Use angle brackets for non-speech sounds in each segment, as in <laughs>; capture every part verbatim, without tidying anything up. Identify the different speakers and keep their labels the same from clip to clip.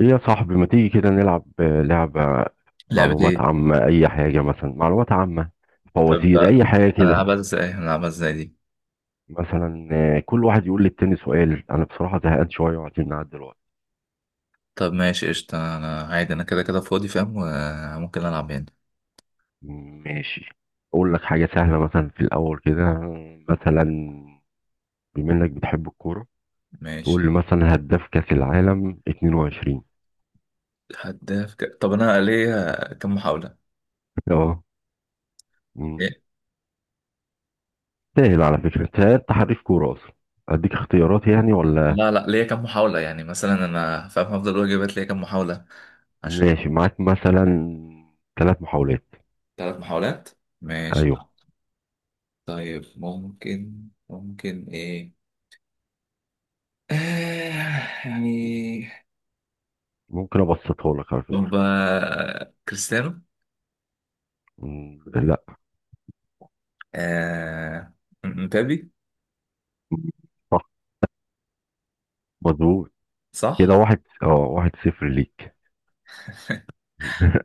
Speaker 1: ايه يا صاحبي ما تيجي كده نلعب آه، لعبة
Speaker 2: لعبة
Speaker 1: معلومات
Speaker 2: ايه؟
Speaker 1: عامة، أي حاجة. مثلا معلومات عامة،
Speaker 2: طب
Speaker 1: فوازير، أي حاجة
Speaker 2: انا
Speaker 1: كده.
Speaker 2: العبها ازاي؟ انا العبها ازاي دي؟
Speaker 1: مثلا آه، كل واحد يقول للتاني سؤال. أنا بصراحة زهقان شوية وعايزين نعدي الوقت.
Speaker 2: طب ماشي قشطة، انا عادي انا كده كده فاضي فاهم وممكن العب يعني.
Speaker 1: ماشي، أقول لك حاجة سهلة مثلا في الأول كده. مثلا بما إنك بتحب الكورة، تقول
Speaker 2: ماشي.
Speaker 1: لي مثلا هداف كأس العالم اتنين وعشرين.
Speaker 2: هداف ك... طب انا ليا كم محاولة؟
Speaker 1: أه. مم.
Speaker 2: إيه؟
Speaker 1: سهل على فكرة، أنت أنت حريف كورة أصلا. أديك اختيارات يعني ولا؟
Speaker 2: لا لا، ليا كم محاولة يعني؟ مثلا انا فاهم هفضل اقول اجابات، ليا كم محاولة عشان
Speaker 1: ماشي معاك، مثلا ثلاث محاولات.
Speaker 2: ثلاث محاولات. ماشي.
Speaker 1: ايوه.
Speaker 2: طيب ممكن ممكن ايه؟ آه يعني.
Speaker 1: ممكن ابسطها لك على فكره.
Speaker 2: طب آه، كريستيانو.
Speaker 1: مم، لا.
Speaker 2: آه... مبابي.
Speaker 1: صح، مظبوط. كده
Speaker 2: صح؟
Speaker 1: واحد، اه، واحد صفر ليك.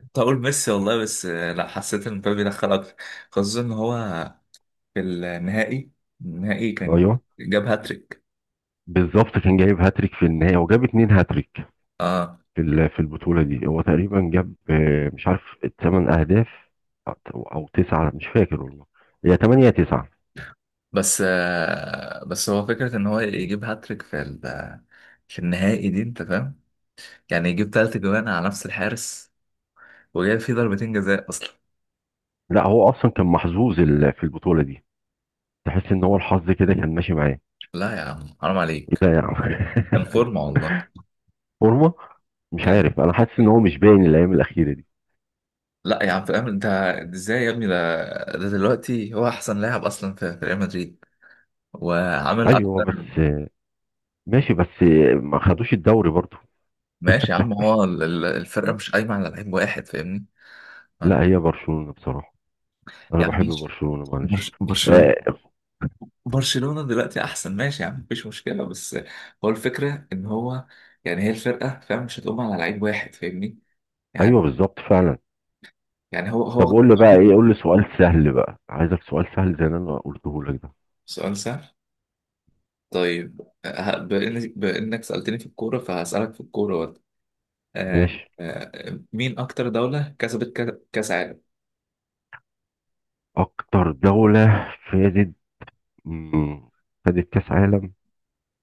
Speaker 2: كنت هقول ميسي والله، بس آه، لا، حسيت ان مبابي دخل اكتر، خصوصا ان هو في النهائي النهائي كان
Speaker 1: ايوه
Speaker 2: جاب هاتريك.
Speaker 1: بالظبط، كان جايب هاتريك في النهايه، وجاب اتنين هاتريك
Speaker 2: اه
Speaker 1: في ال- في البطوله دي. هو تقريبا جاب، آه، مش عارف، تمن اهداف او أو تسعه، مش فاكر والله. هي تمانية يا تسعه.
Speaker 2: بس آه بس هو فكرة ان هو يجيب هاتريك في ال- في النهائي دي انت فاهم، يعني يجيب تلات جوان على نفس الحارس وجاب فيه ضربتين جزاء اصلا.
Speaker 1: لا، هو اصلا كان محظوظ ال- في البطوله دي. تحس ان هو الحظ كده كان ماشي معاه.
Speaker 2: لا يا عم حرام
Speaker 1: ايه ده
Speaker 2: عليك،
Speaker 1: يا
Speaker 2: كان
Speaker 1: عم؟ <laughs>
Speaker 2: فورمة والله.
Speaker 1: فورمه. مش
Speaker 2: كان
Speaker 1: عارف، انا حاسس ان هو مش باين الايام الاخيره دي.
Speaker 2: لا يا عم فاهم انت؟ ازاي يا ابني ده ده دلوقتي هو احسن لاعب اصلا في في ريال مدريد وعامل
Speaker 1: ايوه
Speaker 2: اكتر.
Speaker 1: بس، ماشي بس ما خدوش الدوري برضو.
Speaker 2: ماشي يا عم، هو ال- ال- الفرقة مش قايمة على لعيب واحد فاهمني يعني.
Speaker 1: لا، هي برشلونة بصراحة، انا
Speaker 2: يا عم
Speaker 1: بحب
Speaker 2: ماشي.
Speaker 1: برشلونة، معلش.
Speaker 2: برش- برشلونة،
Speaker 1: آه.
Speaker 2: برشلونة دلوقتي أحسن ماشي يا عم مفيش مشكلة، بس هو الفكرة إن هو يعني هي الفرقة فاهم مش هتقوم على لعيب واحد فاهمني يعني
Speaker 1: ايوه بالظبط فعلا.
Speaker 2: يعني هو
Speaker 1: طب
Speaker 2: هو
Speaker 1: قول لي بقى ايه، قول لي سؤال سهل بقى، عايزك سؤال سهل زي اللي انا قلته لك ده.
Speaker 2: سؤال سهل. طيب، ه- بإن- بإنك سألتني في الكورة فهسألك في الكورة برضه. آه،
Speaker 1: ماشي.
Speaker 2: آه، مين أكتر دولة كسبت كا- كأس عالم؟
Speaker 1: اكتر دولة فازت، مم، خدت كاس عالم.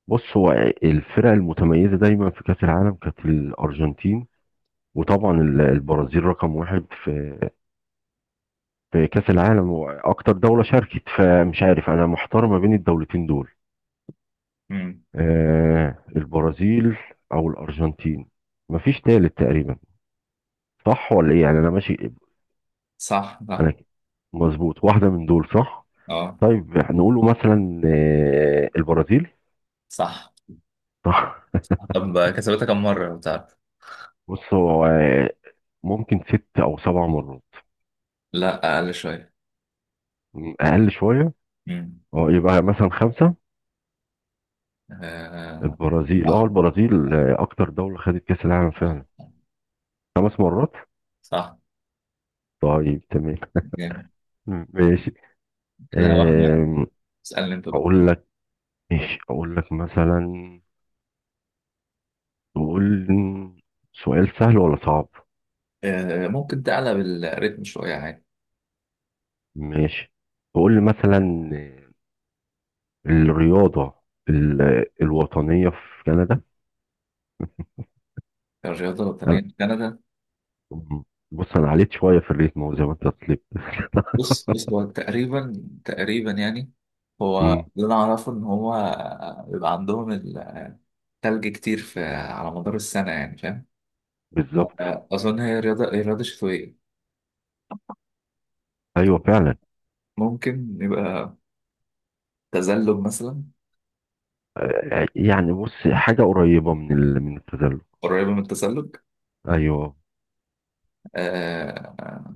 Speaker 1: بص، هو الفرق المتميزة دايما في كاس العالم كانت الارجنتين، وطبعا ال- البرازيل رقم واحد في في كاس العالم واكتر دولة شاركت. فمش عارف، انا محتار ما بين الدولتين دول.
Speaker 2: مم.
Speaker 1: آه، البرازيل او الارجنتين، مفيش تالت تقريبا. صح ولا ايه يعني؟ انا ماشي.
Speaker 2: صح
Speaker 1: انا
Speaker 2: صح،
Speaker 1: مظبوط، واحده من دول صح.
Speaker 2: اه
Speaker 1: طيب هنقوله مثلا آه، البرازيل.
Speaker 2: صح.
Speaker 1: صح. <laughs>
Speaker 2: طب كسبتها كم مرة بتاع؟
Speaker 1: بص هو آه، ممكن ست او سبع مرات.
Speaker 2: لا، أقل شوية.
Speaker 1: م، اقل شويه.
Speaker 2: مم.
Speaker 1: اه، يبقى مثلا خمسه.
Speaker 2: آه.
Speaker 1: البرازيل، اه
Speaker 2: صح
Speaker 1: البرازيل،
Speaker 2: صح
Speaker 1: آه، اكتر دوله خدت كاس العالم
Speaker 2: صح
Speaker 1: فعلا. خمس مرات.
Speaker 2: صح.
Speaker 1: طيب تمام.
Speaker 2: جامد.
Speaker 1: ماشي.
Speaker 2: كده واحد واحد.
Speaker 1: آم،
Speaker 2: اسألني أنت بقى.
Speaker 1: اقول لك. ماشي، اقول لك مثلا وقول سؤال سهل ولا صعب؟
Speaker 2: آه. ممكن تعلى بالريتم شوية عادي.
Speaker 1: ماشي. وقول لي مثلا الرياضة ال- الوطنية في كندا.
Speaker 2: الرياضة الوطنية
Speaker 1: أنا-
Speaker 2: لكندا؟
Speaker 1: بص، انا عليت شوية في الريتم زي ما انت طلبت.
Speaker 2: بص بص هو تقريبا تقريبا يعني هو
Speaker 1: مم،
Speaker 2: اللي أنا أعرفه إن هو بيبقى عندهم التلج كتير في على مدار السنة يعني فاهم.
Speaker 1: بالظبط.
Speaker 2: آه. أظن هي رياضة هي رياضة شتوية.
Speaker 1: ايوه فعلا.
Speaker 2: ممكن يبقى تزلج مثلا.
Speaker 1: آه، يعني بص حاجة قريبة من ال... من التزلج.
Speaker 2: قريبة من التزلج.
Speaker 1: ايوه،
Speaker 2: آه.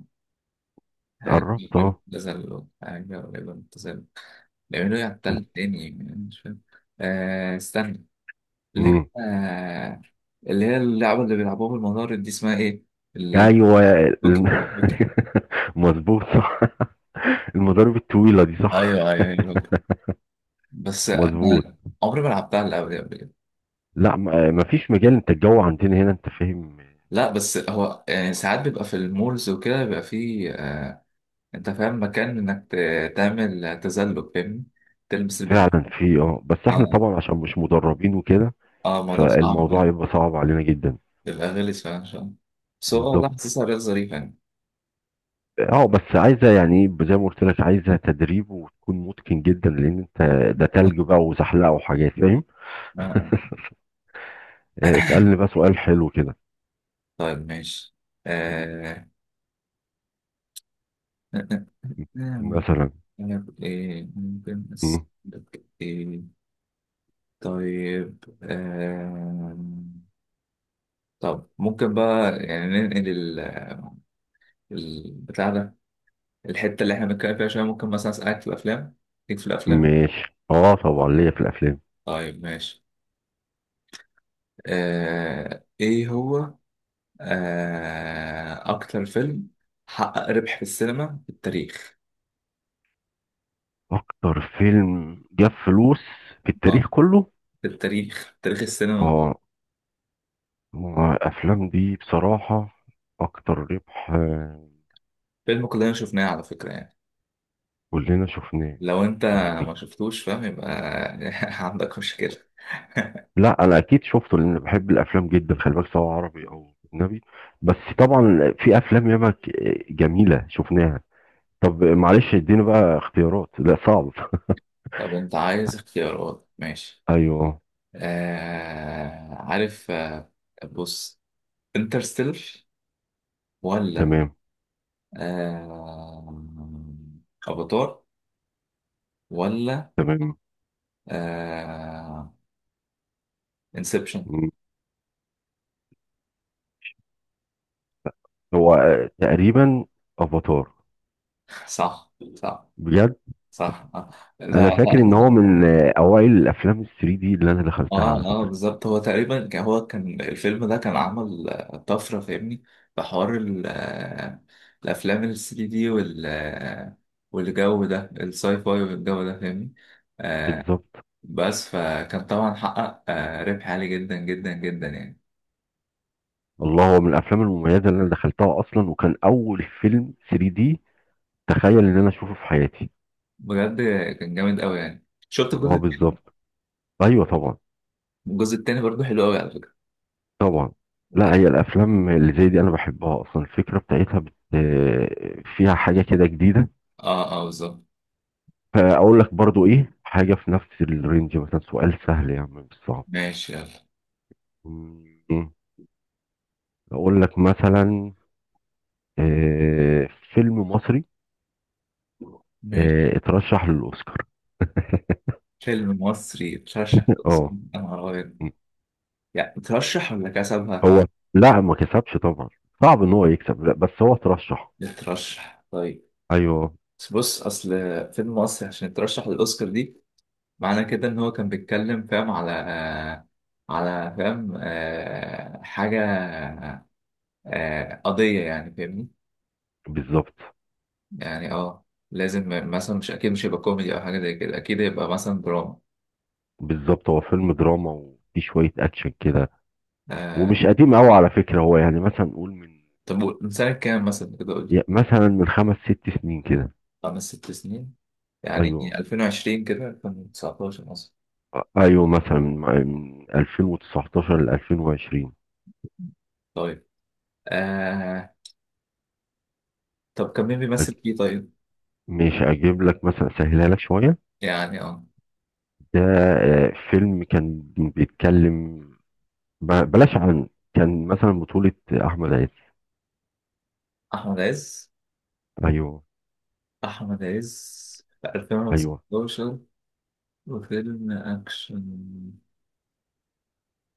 Speaker 2: عارف.
Speaker 1: قربت اه.
Speaker 2: اعتزل وحاجة ولا اعتزل؟ لأنه يعتزل تاني يعني أنا مش فاهم. آه استنى، اللي هي،
Speaker 1: مم.
Speaker 2: آه اللي هي اللعبة اللي بيلعبوها بالمضارب دي اسمها إيه؟ البوكي.
Speaker 1: ايوه الم-
Speaker 2: بوكي.
Speaker 1: <laughs> مظبوط صح. <laughs> المضارب الطويلة دي صح.
Speaker 2: أيوه أيوه أيوه، بوكي. بس
Speaker 1: مظبوط.
Speaker 2: أنا عمري ما لعبتها اللعبة دي قبل كده.
Speaker 1: لا م- آه، مفيش مجال. انت الجو عندنا هنا انت فاهم.
Speaker 2: لا بس هو يعني ساعات بيبقى في المولز وكده بيبقى فيه، آه أنت فاهم، مكان إنك ت- تعمل تزلج فاهمني؟ تلبس البتاع.
Speaker 1: فعلا في اه، بس احنا
Speaker 2: آه
Speaker 1: طبعا عشان مش مدربين وكده،
Speaker 2: آه الموضوع صعب
Speaker 1: فالموضوع
Speaker 2: يعني.
Speaker 1: يبقى صعب علينا جدا.
Speaker 2: الأغاني اللي سمعها شوية بس هو والله
Speaker 1: بالظبط.
Speaker 2: حاسسها رياضة ظريفة يعني.
Speaker 1: اه بس عايزه يعني ايه، زي ما قلت لك، عايزه تدريب وتكون متقن جدا، لان انت
Speaker 2: <coughs> بت-
Speaker 1: ده تلج بقى وزحلقه وحاجات فاهم.
Speaker 2: آه، آه.
Speaker 1: آه، اسالني
Speaker 2: <coughs>
Speaker 1: بقى سؤال حلو كده.
Speaker 2: طيب ماشي.
Speaker 1: م-
Speaker 2: آه...
Speaker 1: م- مثلا.
Speaker 2: أنا ب- إيه ممكن
Speaker 1: م-
Speaker 2: أسألك إيه؟ طيب آه... طب ممكن بقى يعني ننقل ال... البتاع ده، الحتة اللي إحنا بنتكلم فيها شوية، ممكن مثلا أسألك في الأفلام، ليك في الأفلام؟
Speaker 1: ماشي، اه طبعا ليا في الافلام.
Speaker 2: طيب ماشي. آه... إيه هو، آه، أكتر فيلم حقق ربح في السينما في التاريخ؟
Speaker 1: اكتر فيلم جاب فلوس في
Speaker 2: اه،
Speaker 1: التاريخ كله.
Speaker 2: في التاريخ، تاريخ السينما.
Speaker 1: اه، ما الأفلام دي بصراحة أكتر ربح آه،
Speaker 2: فيلم كلنا شفناه على فكرة يعني.
Speaker 1: كلنا شفناه.
Speaker 2: لو أنت
Speaker 1: مم.
Speaker 2: ما شفتوش فاهم يبقى <laughs> عندك مشكلة. <laughs>
Speaker 1: لا أنا أكيد شفته، لأن بحب الأفلام جدا، خلي بالك، سواء عربي أو أجنبي. بس طبعا في أفلام ياما ك- جميلة شفناها. طب معلش اديني بقى اختيارات، لا صعب.
Speaker 2: طب أنت عايز اختيارات؟ ماشي.
Speaker 1: <laughs> أيوه.
Speaker 2: آه عارف. آه بص، انترستيلر؟ ولا
Speaker 1: تمام.
Speaker 2: آه أفاتار؟ ولا
Speaker 1: تمام.
Speaker 2: آه انسبشن؟
Speaker 1: مم. هو آه، تقريبا أفاتار.
Speaker 2: <laughs> صح صح.
Speaker 1: بجد.
Speaker 2: صح آه.
Speaker 1: أنا
Speaker 2: لا
Speaker 1: فاكر إن
Speaker 2: لا.
Speaker 1: هو من آه، أوائل الأفلام ال ثلاثة دي اللي أنا دخلتها على
Speaker 2: اه اه،
Speaker 1: فكرة.
Speaker 2: بالظبط. هو تقريبا ك- هو كان الفيلم ده كان عمل آه، طفرة فاهمني، في حوار ال- آه، الأفلام ال التلاتة دي، وال آه، والجو ده الساي فاي والجو ده فاهمني. آه
Speaker 1: بالظبط.
Speaker 2: بس فكان طبعا حقق آه ربح عالي جدا جدا جدا يعني.
Speaker 1: الله، هو من الافلام المميزه اللي انا دخلتها اصلا، وكان اول فيلم ثلاثة دي تخيل ان انا اشوفه في حياتي.
Speaker 2: بجد كان جامد قوي يعني. شفت الجزء
Speaker 1: اه
Speaker 2: التاني؟
Speaker 1: بالظبط. ايوه طبعا.
Speaker 2: الجزء التاني برضه حلو قوي على فكرة.
Speaker 1: طبعا. لا،
Speaker 2: اه
Speaker 1: هي الافلام اللي زي دي انا بحبها اصلا، الفكره بتاعتها بت... آه، فيها حاجه كده جديده.
Speaker 2: اه، آه، بالظبط.
Speaker 1: فاقول لك برضو ايه حاجه في نفس الرينج. مثلا سؤال سهل يا عم، مش صعب.
Speaker 2: ماشي يلا.
Speaker 1: مم. اقول لك مثلا آه، فيلم مصري
Speaker 2: ماشي.
Speaker 1: آه، اترشح للاوسكار.
Speaker 2: فيلم مصري ترشح؟
Speaker 1: <laughs> اه.
Speaker 2: انا ابيض، يعني ترشح ولا كسب؟
Speaker 1: هو لا، ما كسبش طبعا، صعب ان هو يكسب، لا بس هو ترشح.
Speaker 2: يترشح. طيب.
Speaker 1: ايوه.
Speaker 2: بس بص، اصل فيلم مصري عشان يترشح للاوسكار دي، معنى كده ان هو كان بيتكلم فاهم على، آه على فاهم، آه، حاجه، آه، قضيه يعني فاهمني.
Speaker 1: بالظبط،
Speaker 2: يعني اه، لازم مثلا، مش اكيد مش هيبقى كوميدي او حاجه زي كده، اكيد هيبقى مثلا دراما.
Speaker 1: بالظبط، هو فيلم دراما وفي شويه اكشن كده.
Speaker 2: آه،
Speaker 1: ومش قديم قوي على فكره، هو يعني مثلا نقول من،
Speaker 2: طب، قول- من سنه كام مثلا كده قول لي؟
Speaker 1: يا- مثلا من خمس ست سنين كده.
Speaker 2: خمس ست سنين؟ يعني
Speaker 1: ايوه.
Speaker 2: ألفين وعشرين كده، ألفين وتسعتاشر مثلا.
Speaker 1: ايوه مثلا من من ألفين وتسعة عشر ل الفين وعشرين.
Speaker 2: طيب. آه طب كان مين بيمثل
Speaker 1: أج-
Speaker 2: فيه طيب؟
Speaker 1: مش اجيب لك مثلا، سهلها لك شويه.
Speaker 2: يعني اه،
Speaker 1: ده آه، فيلم كان بيتكلم، ب- بلاش عن، كان مثلا بطوله احمد عز.
Speaker 2: أحمد عز.
Speaker 1: ايوه.
Speaker 2: أحمد عز في
Speaker 1: ايوه.
Speaker 2: ألفين وستاشر وفيلم أكشن.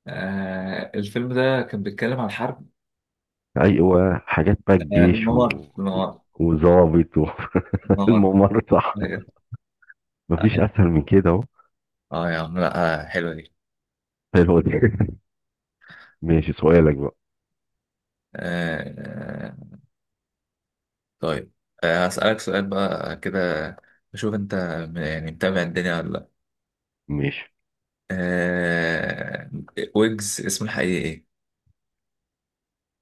Speaker 2: آه الفيلم ده كان بيتكلم عن حرب.
Speaker 1: ايوه، حاجات بقى
Speaker 2: آه
Speaker 1: الجيش و...
Speaker 2: الممر،
Speaker 1: و-
Speaker 2: الممر،
Speaker 1: وظابط
Speaker 2: الممر!
Speaker 1: والممرضة.
Speaker 2: أيوة.
Speaker 1: <laughs> مفيش اسهل من كده اهو.
Speaker 2: اه يا عم، لا آه حلوة دي.
Speaker 1: حلو دي. <laughs> ماشي، سؤالك بقى.
Speaker 2: آه آه، طيب. آه هسألك سؤال بقى كده، أشوف أنت م- يعني متابع الدنيا ولا لأ.
Speaker 1: ماشي.
Speaker 2: آه ويجز، اسمه الحقيقي إيه؟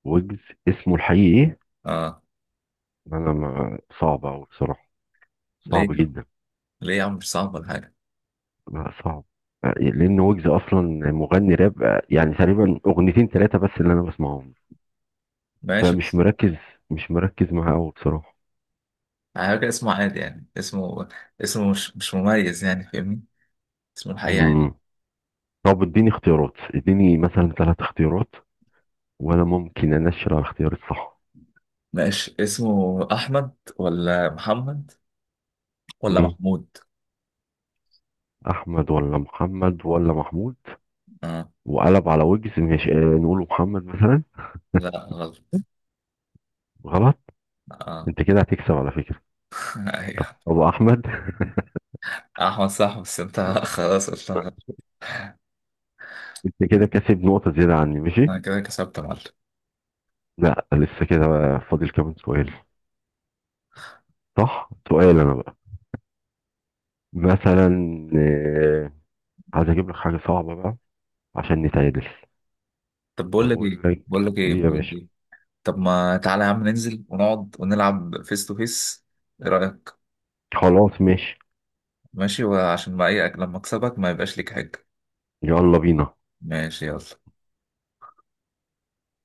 Speaker 1: ويجز اسمه الحقيقي ايه؟
Speaker 2: اه.
Speaker 1: انا، ما، صعب قوي بصراحة.
Speaker 2: ليه؟
Speaker 1: صعب جدا.
Speaker 2: ليه يا عم، مش صعب ولا حاجة.
Speaker 1: لا صعب. آه، لان ويجز اصلا مغني راب، آه، يعني تقريبا اغنيتين ثلاثة بس اللي انا بسمعهم.
Speaker 2: ماشي،
Speaker 1: فمش مركز، مش مركز معاه قوي بصراحة.
Speaker 2: على فكرة اسمه عادي، يعني اسمه اسمه مش مش مميز يعني فاهمني. اسمه الحقيقي عادي.
Speaker 1: مم. طب اديني اختيارات، اديني مثلا ثلاث اختيارات وانا ممكن انشر على الاختيار الصح.
Speaker 2: ماشي، اسمه أحمد ولا محمد ولا
Speaker 1: مم.
Speaker 2: محمود؟
Speaker 1: احمد ولا محمد ولا محمود.
Speaker 2: اه.
Speaker 1: وقلب على وجز، ماشي، آه، نقوله محمد مثلا.
Speaker 2: لا غلط.
Speaker 1: غلط.
Speaker 2: اه.
Speaker 1: انت كده هتكسب على فكره.
Speaker 2: <laughs> ايوه،
Speaker 1: ابو احمد. <laughs>
Speaker 2: أحمد صح، بس أنت <laughs> خلاص قلت غلط.
Speaker 1: انت كده كسب نقطه زياده عني، ماشي.
Speaker 2: أنا كده كسبت يا معلم.
Speaker 1: لا، لسه كده بقى، فاضل كمان سؤال. صح، سؤال انا بقى مثلا، آه، عايز اجيب لك حاجه صعبه بقى عشان نتعادل.
Speaker 2: طب بقول لك إيه،
Speaker 1: اقول لك
Speaker 2: بقول لك إيه،
Speaker 1: ايه يا
Speaker 2: بقول لك
Speaker 1: باشا.
Speaker 2: إيه؟ طب ما تعالى يا عم ننزل ونقعد ونلعب فيس تو فيس، إيه رأيك؟
Speaker 1: خلاص ماشي.
Speaker 2: ماشي. وعشان ما إيه، لما أكسبك ما يبقاش ليك حاجة.
Speaker 1: يلا بينا.
Speaker 2: ماشي يلا.